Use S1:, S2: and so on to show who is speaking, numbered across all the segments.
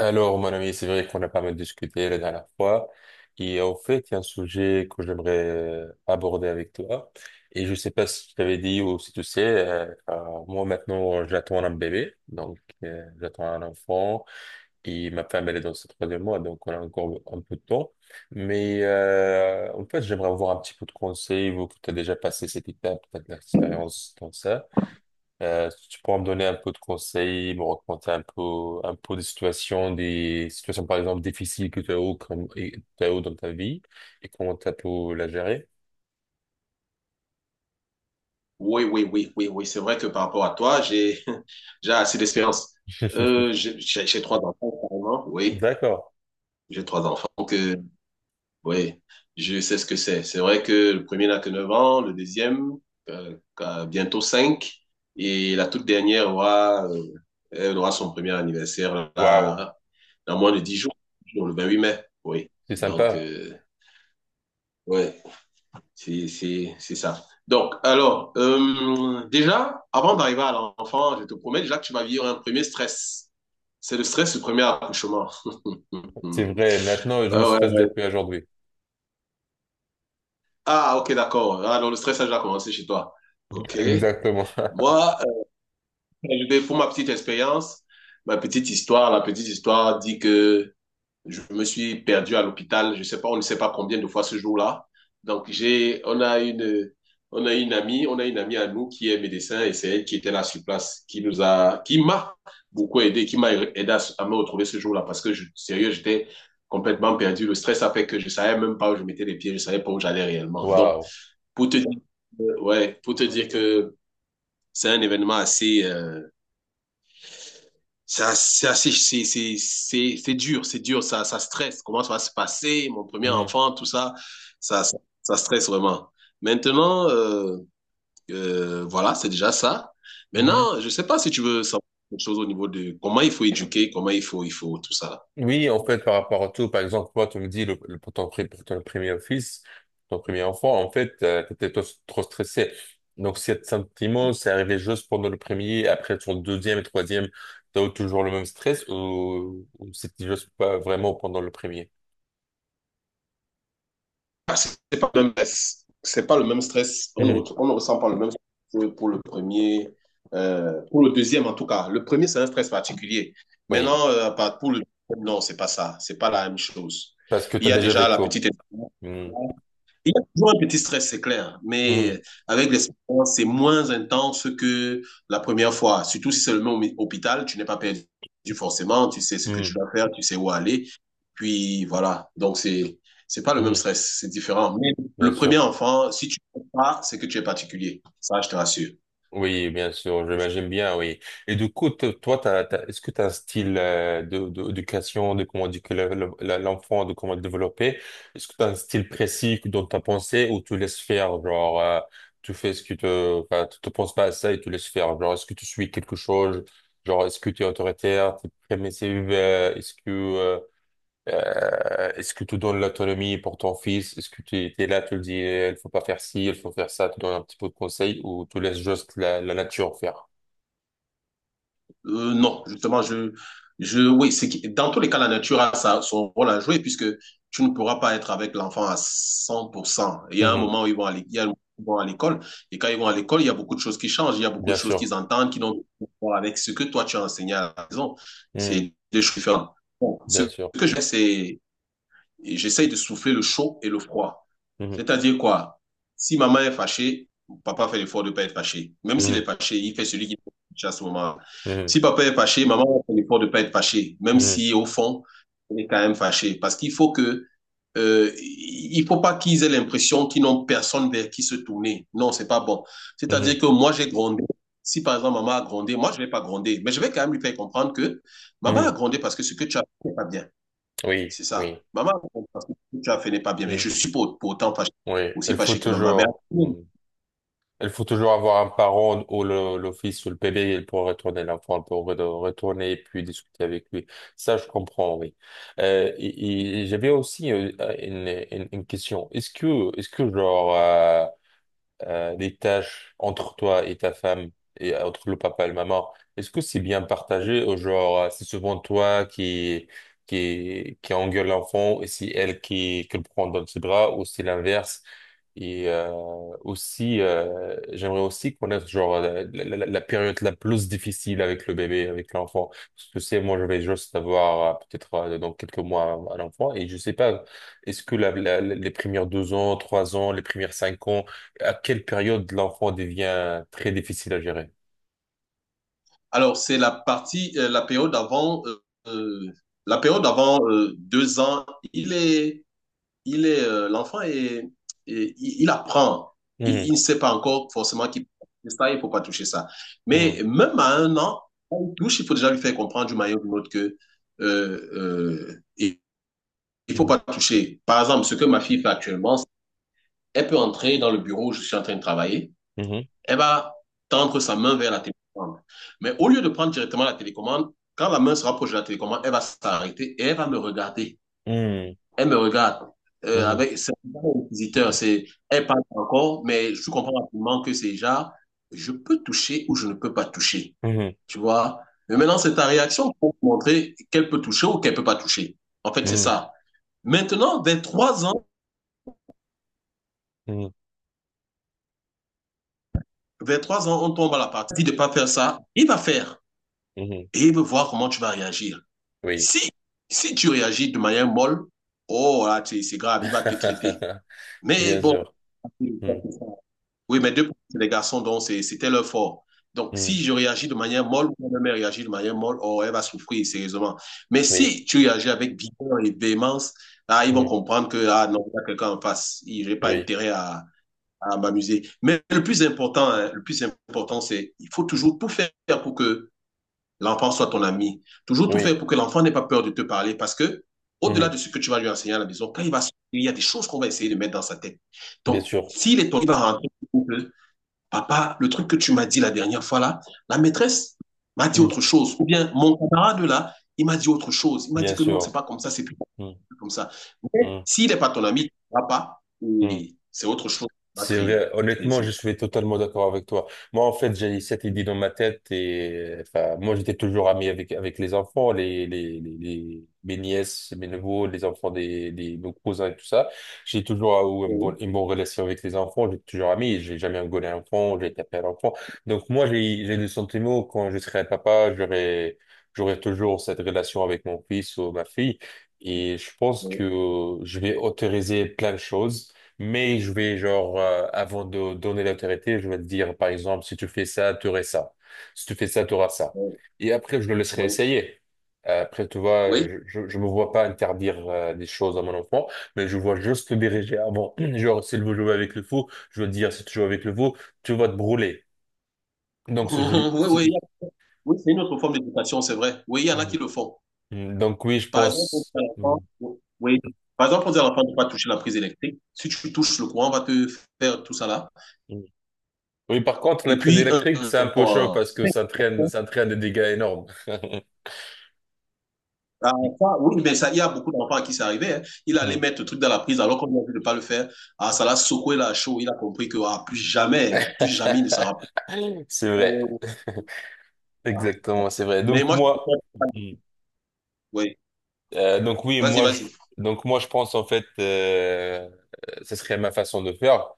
S1: Alors, mon ami, c'est vrai qu'on a pas mal discuté la dernière fois. Et en fait, il y a un sujet que j'aimerais aborder avec toi. Et je sais pas si je t'avais dit ou si tu sais, moi maintenant, j'attends un bébé. Donc, j'attends un enfant. Et ma femme, elle est dans ses troisième mois. Donc, on a encore un peu de temps. Mais en fait, j'aimerais avoir un petit peu de conseils, vous que tu as déjà passé cette étape, tu as de l'expérience dans ça. Est-ce que tu pourras me donner un peu de conseils, me raconter un peu des situations par exemple difficiles que tu as eu, comme, et, tu as eu dans ta vie et comment tu as pu la gérer?
S2: Oui, oui, oui, oui, oui. C'est vrai que par rapport à toi, j'ai j'ai assez d'expérience. Euh, j'ai j'ai- j'ai trois enfants, carrément. Oui,
S1: D'accord.
S2: j'ai trois enfants que, oui, je sais ce que c'est. C'est vrai que le premier n'a que 9 ans, le deuxième a bientôt 5 et la toute dernière aura, elle aura son premier anniversaire
S1: Waouh,
S2: là, dans moins de 10 jours, le 28 mai. Oui,
S1: c'est
S2: donc,
S1: sympa.
S2: ouais. C'est ça. Donc, alors, déjà, avant d'arriver à l'enfant, je te promets déjà que tu vas vivre un premier stress. C'est le stress du premier accouchement.
S1: C'est vrai. Maintenant, je
S2: Ouais,
S1: me stresse
S2: ouais.
S1: depuis aujourd'hui.
S2: Ah, ok, d'accord. Ah, donc le stress a déjà commencé chez toi. Ok.
S1: Exactement.
S2: Moi, pour ma petite expérience, la petite histoire dit que je me suis perdu à l'hôpital. Je sais pas, on ne sait pas combien de fois ce jour-là. Donc, on a une amie à nous qui est médecin et c'est elle qui était là sur place, qui m'a beaucoup aidé, qui m'a aidé à me retrouver ce jour-là parce que sérieux, j'étais complètement perdu. Le stress a fait que je savais même pas où je mettais les pieds, je savais pas où j'allais réellement. Donc,
S1: Waouh.
S2: pour te dire, ouais, pour te dire que c'est un événement assez, c'est dur, ça stresse. Comment ça va se passer, mon premier
S1: Mhm.
S2: enfant, tout ça, ça stresse vraiment. Maintenant, voilà, c'est déjà ça.
S1: Mhm.
S2: Maintenant, je ne sais pas si tu veux savoir quelque chose au niveau de comment il faut éduquer, il faut tout ça.
S1: Oui, en fait, par rapport à tout, par exemple, toi, tu me dis, pour ton premier fils, ton premier enfant, en fait, t'étais trop stressé. Donc, cet sentiment, c'est arrivé juste pendant le premier, après ton deuxième et troisième, t'as eu toujours le même stress ou c'était juste pas vraiment pendant le premier?
S2: Ah, c'est pas le même stress. C'est pas le même stress.
S1: Mhm.
S2: On ne ressent pas le même stress pour le premier, pour le deuxième en tout cas. Le premier, c'est un stress particulier.
S1: Oui,
S2: Maintenant, pour le deuxième, non, c'est pas ça. C'est pas la même chose.
S1: parce que
S2: Il
S1: t'as
S2: y a
S1: déjà
S2: déjà la
S1: vécu.
S2: petite.
S1: Mhm.
S2: Il y a toujours un petit stress, c'est clair,
S1: Mhm.
S2: mais avec l'expérience, c'est moins intense que la première fois. Surtout si c'est le même hôpital, tu n'es pas perdu forcément, tu sais ce que tu
S1: Mhm.
S2: dois faire, tu sais où aller. Puis voilà, donc c'est pas le même
S1: Mhm.
S2: stress, c'est différent. Mais
S1: Bien
S2: le premier
S1: sûr.
S2: enfant, si tu ne fais pas, c'est que tu es particulier. Ça, je te rassure.
S1: Oui, bien sûr, j'imagine bien, oui. Et du coup, toi, est-ce que tu as un style d'éducation, de comment éduquer l'enfant, de comment le développer? Est-ce que tu as un style précis dont tu as pensé ou tu laisses faire, genre, tu fais enfin, tu te penses pas à ça et tu laisses faire, genre, est-ce que tu suis quelque chose, genre, est-ce que tu es autoritaire, tu es permissive, est-ce que tu donnes l'autonomie pour ton fils? Est-ce que tu es là, tu le dis, eh, il faut pas faire ci, il faut faire ça, tu donnes un petit peu de conseils ou tu laisses juste la nature faire?
S2: Non, justement, oui, dans tous les cas, la nature a sa- son rôle à jouer puisque tu ne pourras pas être avec l'enfant à 100%. Il y a un
S1: Mhm.
S2: moment où ils vont à l'é- il y a un moment où ils vont à l'école et quand ils vont à l'école, il y a beaucoup de choses qui changent, il y a beaucoup de
S1: Bien
S2: choses
S1: sûr.
S2: qu'ils entendent qui n'ont rien à voir avec ce que toi tu as enseigné à la maison.
S1: Mhm.
S2: C'est deux choses différentes. Bon, ce
S1: Bien sûr.
S2: que je fais, c'est et j'essaye de souffler le chaud et le froid.
S1: Mhm.
S2: C'est-à-dire quoi? Si maman est fâchée, papa fait l'effort de ne pas être fâché. Même s'il
S1: Mhm.
S2: est fâché, il fait celui qui est fâché à ce moment -là.
S1: Mhm.
S2: Si papa est fâché, maman fait l'effort de ne pas être fâché. Même
S1: Mhm.
S2: si, au fond, elle est quand même fâchée. Parce qu'il faut que, il faut pas qu'ils aient l'impression qu'ils n'ont personne vers qui se tourner. Non, c'est pas bon. C'est-à-dire
S1: Mhm.
S2: que moi, j'ai grondé. Si par exemple maman a grondé, moi je ne vais pas gronder, mais je vais quand même lui faire comprendre que maman a
S1: Mhm.
S2: grondé parce que ce que tu as fait n'est pas bien.
S1: Oui,
S2: C'est ça.
S1: oui.
S2: Maman, parce que ce que tu as fait n'est pas bien, mais
S1: Mhm.
S2: je suis pour autant
S1: Oui,
S2: aussi
S1: il faut
S2: fâché que maman. Mais
S1: toujours. Il faut toujours avoir un parent ou l'office ou le PB il pourra retourner l'enfant pour retourner et puis discuter avec lui. Ça, je comprends, oui. Et j'avais aussi une question. Est-ce que genre les tâches entre toi et ta femme et entre le papa et le maman, est-ce que c'est bien partagé ou genre c'est souvent toi qui engueule l'enfant et c'est elle qui le prend dans ses bras ou c'est l'inverse? Et aussi, j'aimerais aussi connaître genre la période la plus difficile avec le bébé, avec l'enfant. Parce que c'est moi, je vais juste avoir peut-être dans quelques mois un enfant et je sais pas. Est-ce que les premières 2 ans, 3 ans, les premières 5 ans à quelle période l'enfant devient très difficile à gérer?
S2: alors, euh, la période avant 2 ans, il est, l'enfant est, et il apprend. Il
S1: Mhm,
S2: ne sait pas encore forcément qu'il faut toucher ça, il ne faut pas toucher ça.
S1: mhm,
S2: Mais même à 1 an, on touche, il faut déjà lui faire comprendre du maillot ou d'une autre que il ne faut
S1: mhm,
S2: pas toucher. Par exemple, ce que ma fille fait actuellement, elle peut entrer dans le bureau où je suis en train de travailler.
S1: mhm,
S2: Elle va tendre sa main vers la télécommande. Mais au lieu de prendre directement la télécommande, quand la main se rapproche de la télécommande, elle va s'arrêter et elle va me regarder. Elle me regarde.
S1: mhm,
S2: C'est un visiteur, c'est, elle parle encore, mais je comprends rapidement que c'est déjà, je peux toucher ou je ne peux pas toucher.
S1: mhm,
S2: Tu vois? Mais maintenant, c'est ta réaction pour montrer qu'elle peut toucher ou qu'elle peut pas toucher. En fait, c'est
S1: mhm,
S2: ça. Maintenant,
S1: mhm, mhm,
S2: vers 3 ans, on tombe à la partie de pas faire ça. Il va faire,
S1: mhm.
S2: et il veut voir comment tu vas réagir.
S1: Oui,
S2: Si, si tu réagis de manière molle, oh là, c'est grave, il va te traiter. Mais
S1: bien
S2: bon,
S1: sûr. Mhm,
S2: oui, mais deux, c'est des garçons, donc c'était leur fort. Donc,
S1: mhm,
S2: si je réagis de manière molle, ou ma mère réagit de manière molle, oh, elle va souffrir sérieusement. Mais
S1: oui,
S2: si tu réagis avec vigueur et véhémence, là, ils vont
S1: mhm,
S2: comprendre que, ah non, il y a quelqu'un en face, je n'ai pas
S1: oui,
S2: intérêt à m'amuser. Mais le plus important, hein, le plus important, c'est il faut toujours tout faire pour que l'enfant soit ton ami. Toujours tout
S1: oui,
S2: faire pour que l'enfant n'ait pas peur de te parler parce que, au-delà
S1: mhm,
S2: de ce que tu vas lui enseigner à la maison, quand il va sortir, il y a des choses qu'on va essayer de mettre dans sa tête.
S1: bien
S2: Donc,
S1: sûr.
S2: s'il est ton il va rentrer papa, le truc que tu m'as dit la dernière fois là, la maîtresse m'a dit
S1: Mhm,
S2: autre chose. Ou bien mon camarade là, il m'a dit autre chose. Il m'a
S1: bien
S2: dit que non, c'est
S1: sûr.
S2: pas comme ça, c'est plus
S1: Mhm,
S2: comme ça. Mais
S1: mhm,
S2: s'il n'est pas ton ami, papa,
S1: mhm.
S2: c'est autre chose qu'on va
S1: C'est
S2: créer.
S1: vrai, honnêtement, je suis totalement d'accord avec toi. Moi, en fait, j'ai cette idée dans ma tête et, enfin, moi, j'étais toujours ami avec les enfants, mes nièces, mes neveux, les enfants nos cousins et tout ça. J'ai toujours eu une bonne,
S2: Oui,
S1: une bonne relation avec les enfants, j'ai toujours ami, j'ai jamais engueulé un enfant, j'ai tapé un enfant. Donc, moi, j'ai le sentiment quand je serai un papa, j'aurai toujours cette relation avec mon fils ou ma fille. Et je pense que
S2: oui,
S1: je vais autoriser plein de choses mais je vais, genre, avant de donner l'autorité, je vais te dire, par exemple, si tu fais ça, tu aurais ça. Si tu fais ça, tu auras ça.
S2: oui,
S1: Et après, je le laisserai
S2: oui,
S1: essayer. Après, tu vois, je me vois pas interdire des choses à mon enfant, mais je vois juste le diriger avant. Genre, s'il veut jouer avec le fou, je veux dire, si tu joues avec le fou, tu vas te brûler. Donc,
S2: oui,
S1: ce jeu-
S2: oui, oui.
S1: c'est-
S2: Oui, c'est une autre forme d'éducation, c'est vrai. Oui, il y en a
S1: Mm.
S2: qui le font.
S1: Mm. Donc oui, je
S2: Par exemple, on dit
S1: pense.
S2: à
S1: Mm.
S2: l'enfant, oui. Par exemple, on dit à l'enfant de ne pas toucher la prise électrique. Si tu touches le courant, on va te faire tout ça là.
S1: Mm. Oui, par contre, la
S2: Et
S1: prise
S2: puis,
S1: électrique, c'est un peu chaud parce que ça traîne des dégâts énormes.
S2: ah, ça, oui, mais ça, il y a beaucoup d'enfants à qui c'est arrivé, hein. Il allait
S1: Mm.
S2: mettre le truc dans la prise alors qu'on lui a dit de ne pas le faire. Ah, ça l'a secoué la chaud. Il a compris que ah, plus jamais il ne s'en rappelle.
S1: C'est vrai.
S2: Ah,
S1: Exactement, c'est vrai.
S2: mais
S1: Donc
S2: moi, je...
S1: moi, Mhm.
S2: oui.
S1: Donc oui,
S2: Vas-y,
S1: moi, je,
S2: vas-y.
S1: donc moi, je pense en fait, ce serait ma façon de faire.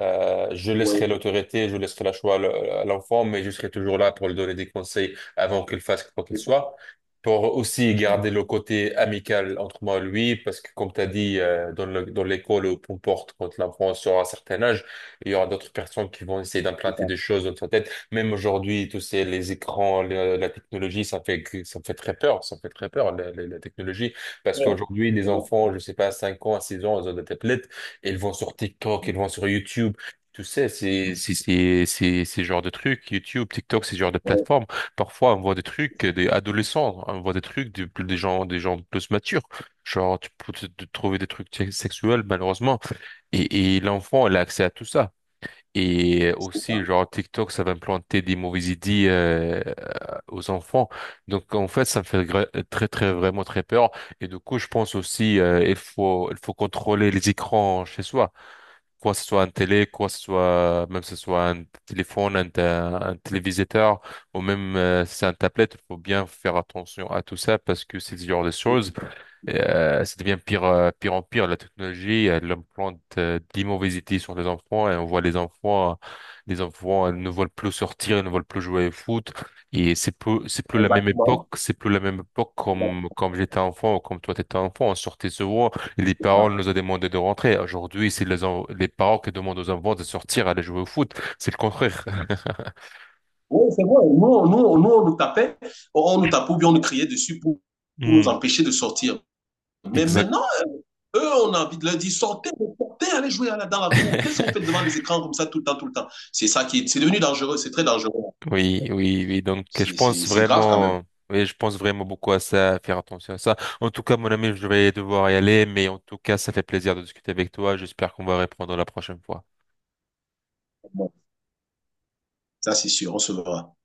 S1: Je
S2: Oui,
S1: laisserai l'autorité, je laisserai la choix à l'enfant, mais je serai toujours là pour lui donner des conseils avant qu'il fasse quoi qu'il
S2: c'est ça.
S1: soit. Pour aussi garder le côté amical entre moi et lui, parce que comme tu as dit, dans l'école ou peu importe, quand l'enfant sera à un certain âge, il y aura d'autres personnes qui vont essayer
S2: C'est
S1: d'implanter
S2: ça.
S1: des choses dans sa tête. Même aujourd'hui, les écrans, la technologie, ça fait, ça fait très peur, ça fait très peur, la technologie. Parce
S2: Ouais.
S1: qu'aujourd'hui, les enfants, je sais pas, 5 ans, 6 ans, ils ont des tablettes. Ils vont sur TikTok, ils vont sur YouTube. Tu sais, c'est ces genres de trucs YouTube, TikTok, ces genres de
S2: Ouais,
S1: plateformes. Parfois, on voit des
S2: c'est
S1: trucs
S2: ça. Ouais.
S1: des adolescents, hein, on voit des trucs des gens plus matures. Genre, tu peux te trouver des trucs sexuels malheureusement. Et l'enfant, il a accès à tout ça. Et
S2: C'est ça.
S1: aussi, genre TikTok, ça va implanter des mauvaises idées aux enfants. Donc, en fait, ça me fait très très vraiment très peur. Et du coup, je pense aussi, il faut contrôler les écrans chez soi quoi ce soit un télé, quoi ce soit même si ce soit un téléphone, un téléviseur ou même si c'est un tablette, il faut bien faire attention à tout ça parce que c'est ce genre de choses et, ça devient pire, pire en pire. La technologie, elle implante des mauvaises idées sur les enfants et on voit les enfants ne veulent plus sortir, ils ne veulent plus jouer au foot. Et c'est plus la même époque,
S2: Exactement.
S1: c'est plus la même époque comme,
S2: Exactement,
S1: comme j'étais enfant ou comme toi t'étais enfant. On sortait souvent et les parents
S2: c'est
S1: nous ont demandé de rentrer. Aujourd'hui, c'est les parents qui demandent aux enfants de sortir, aller jouer au foot. C'est le contraire.
S2: oui, c'est vrai. On nous tapait ou bien on nous criait dessus pour nous
S1: Hmm,
S2: empêcher de sortir. Mais
S1: exact.
S2: maintenant, eux, on a envie de leur dire, sortez, sortez, allez jouer dans la cour. Qu'est-ce que vous faites devant les écrans comme ça tout le temps, tout le temps? C'est ça qui est, c'est devenu dangereux, c'est très dangereux.
S1: Oui, oui, oui. Donc, je pense
S2: C'est grave quand même.
S1: vraiment, oui, je pense vraiment beaucoup à ça, à faire attention à ça. En tout cas, mon ami, je vais devoir y aller, mais en tout cas, ça fait plaisir de discuter avec toi. J'espère qu'on va reprendre la prochaine fois.
S2: Ça, c'est sûr, on se verra.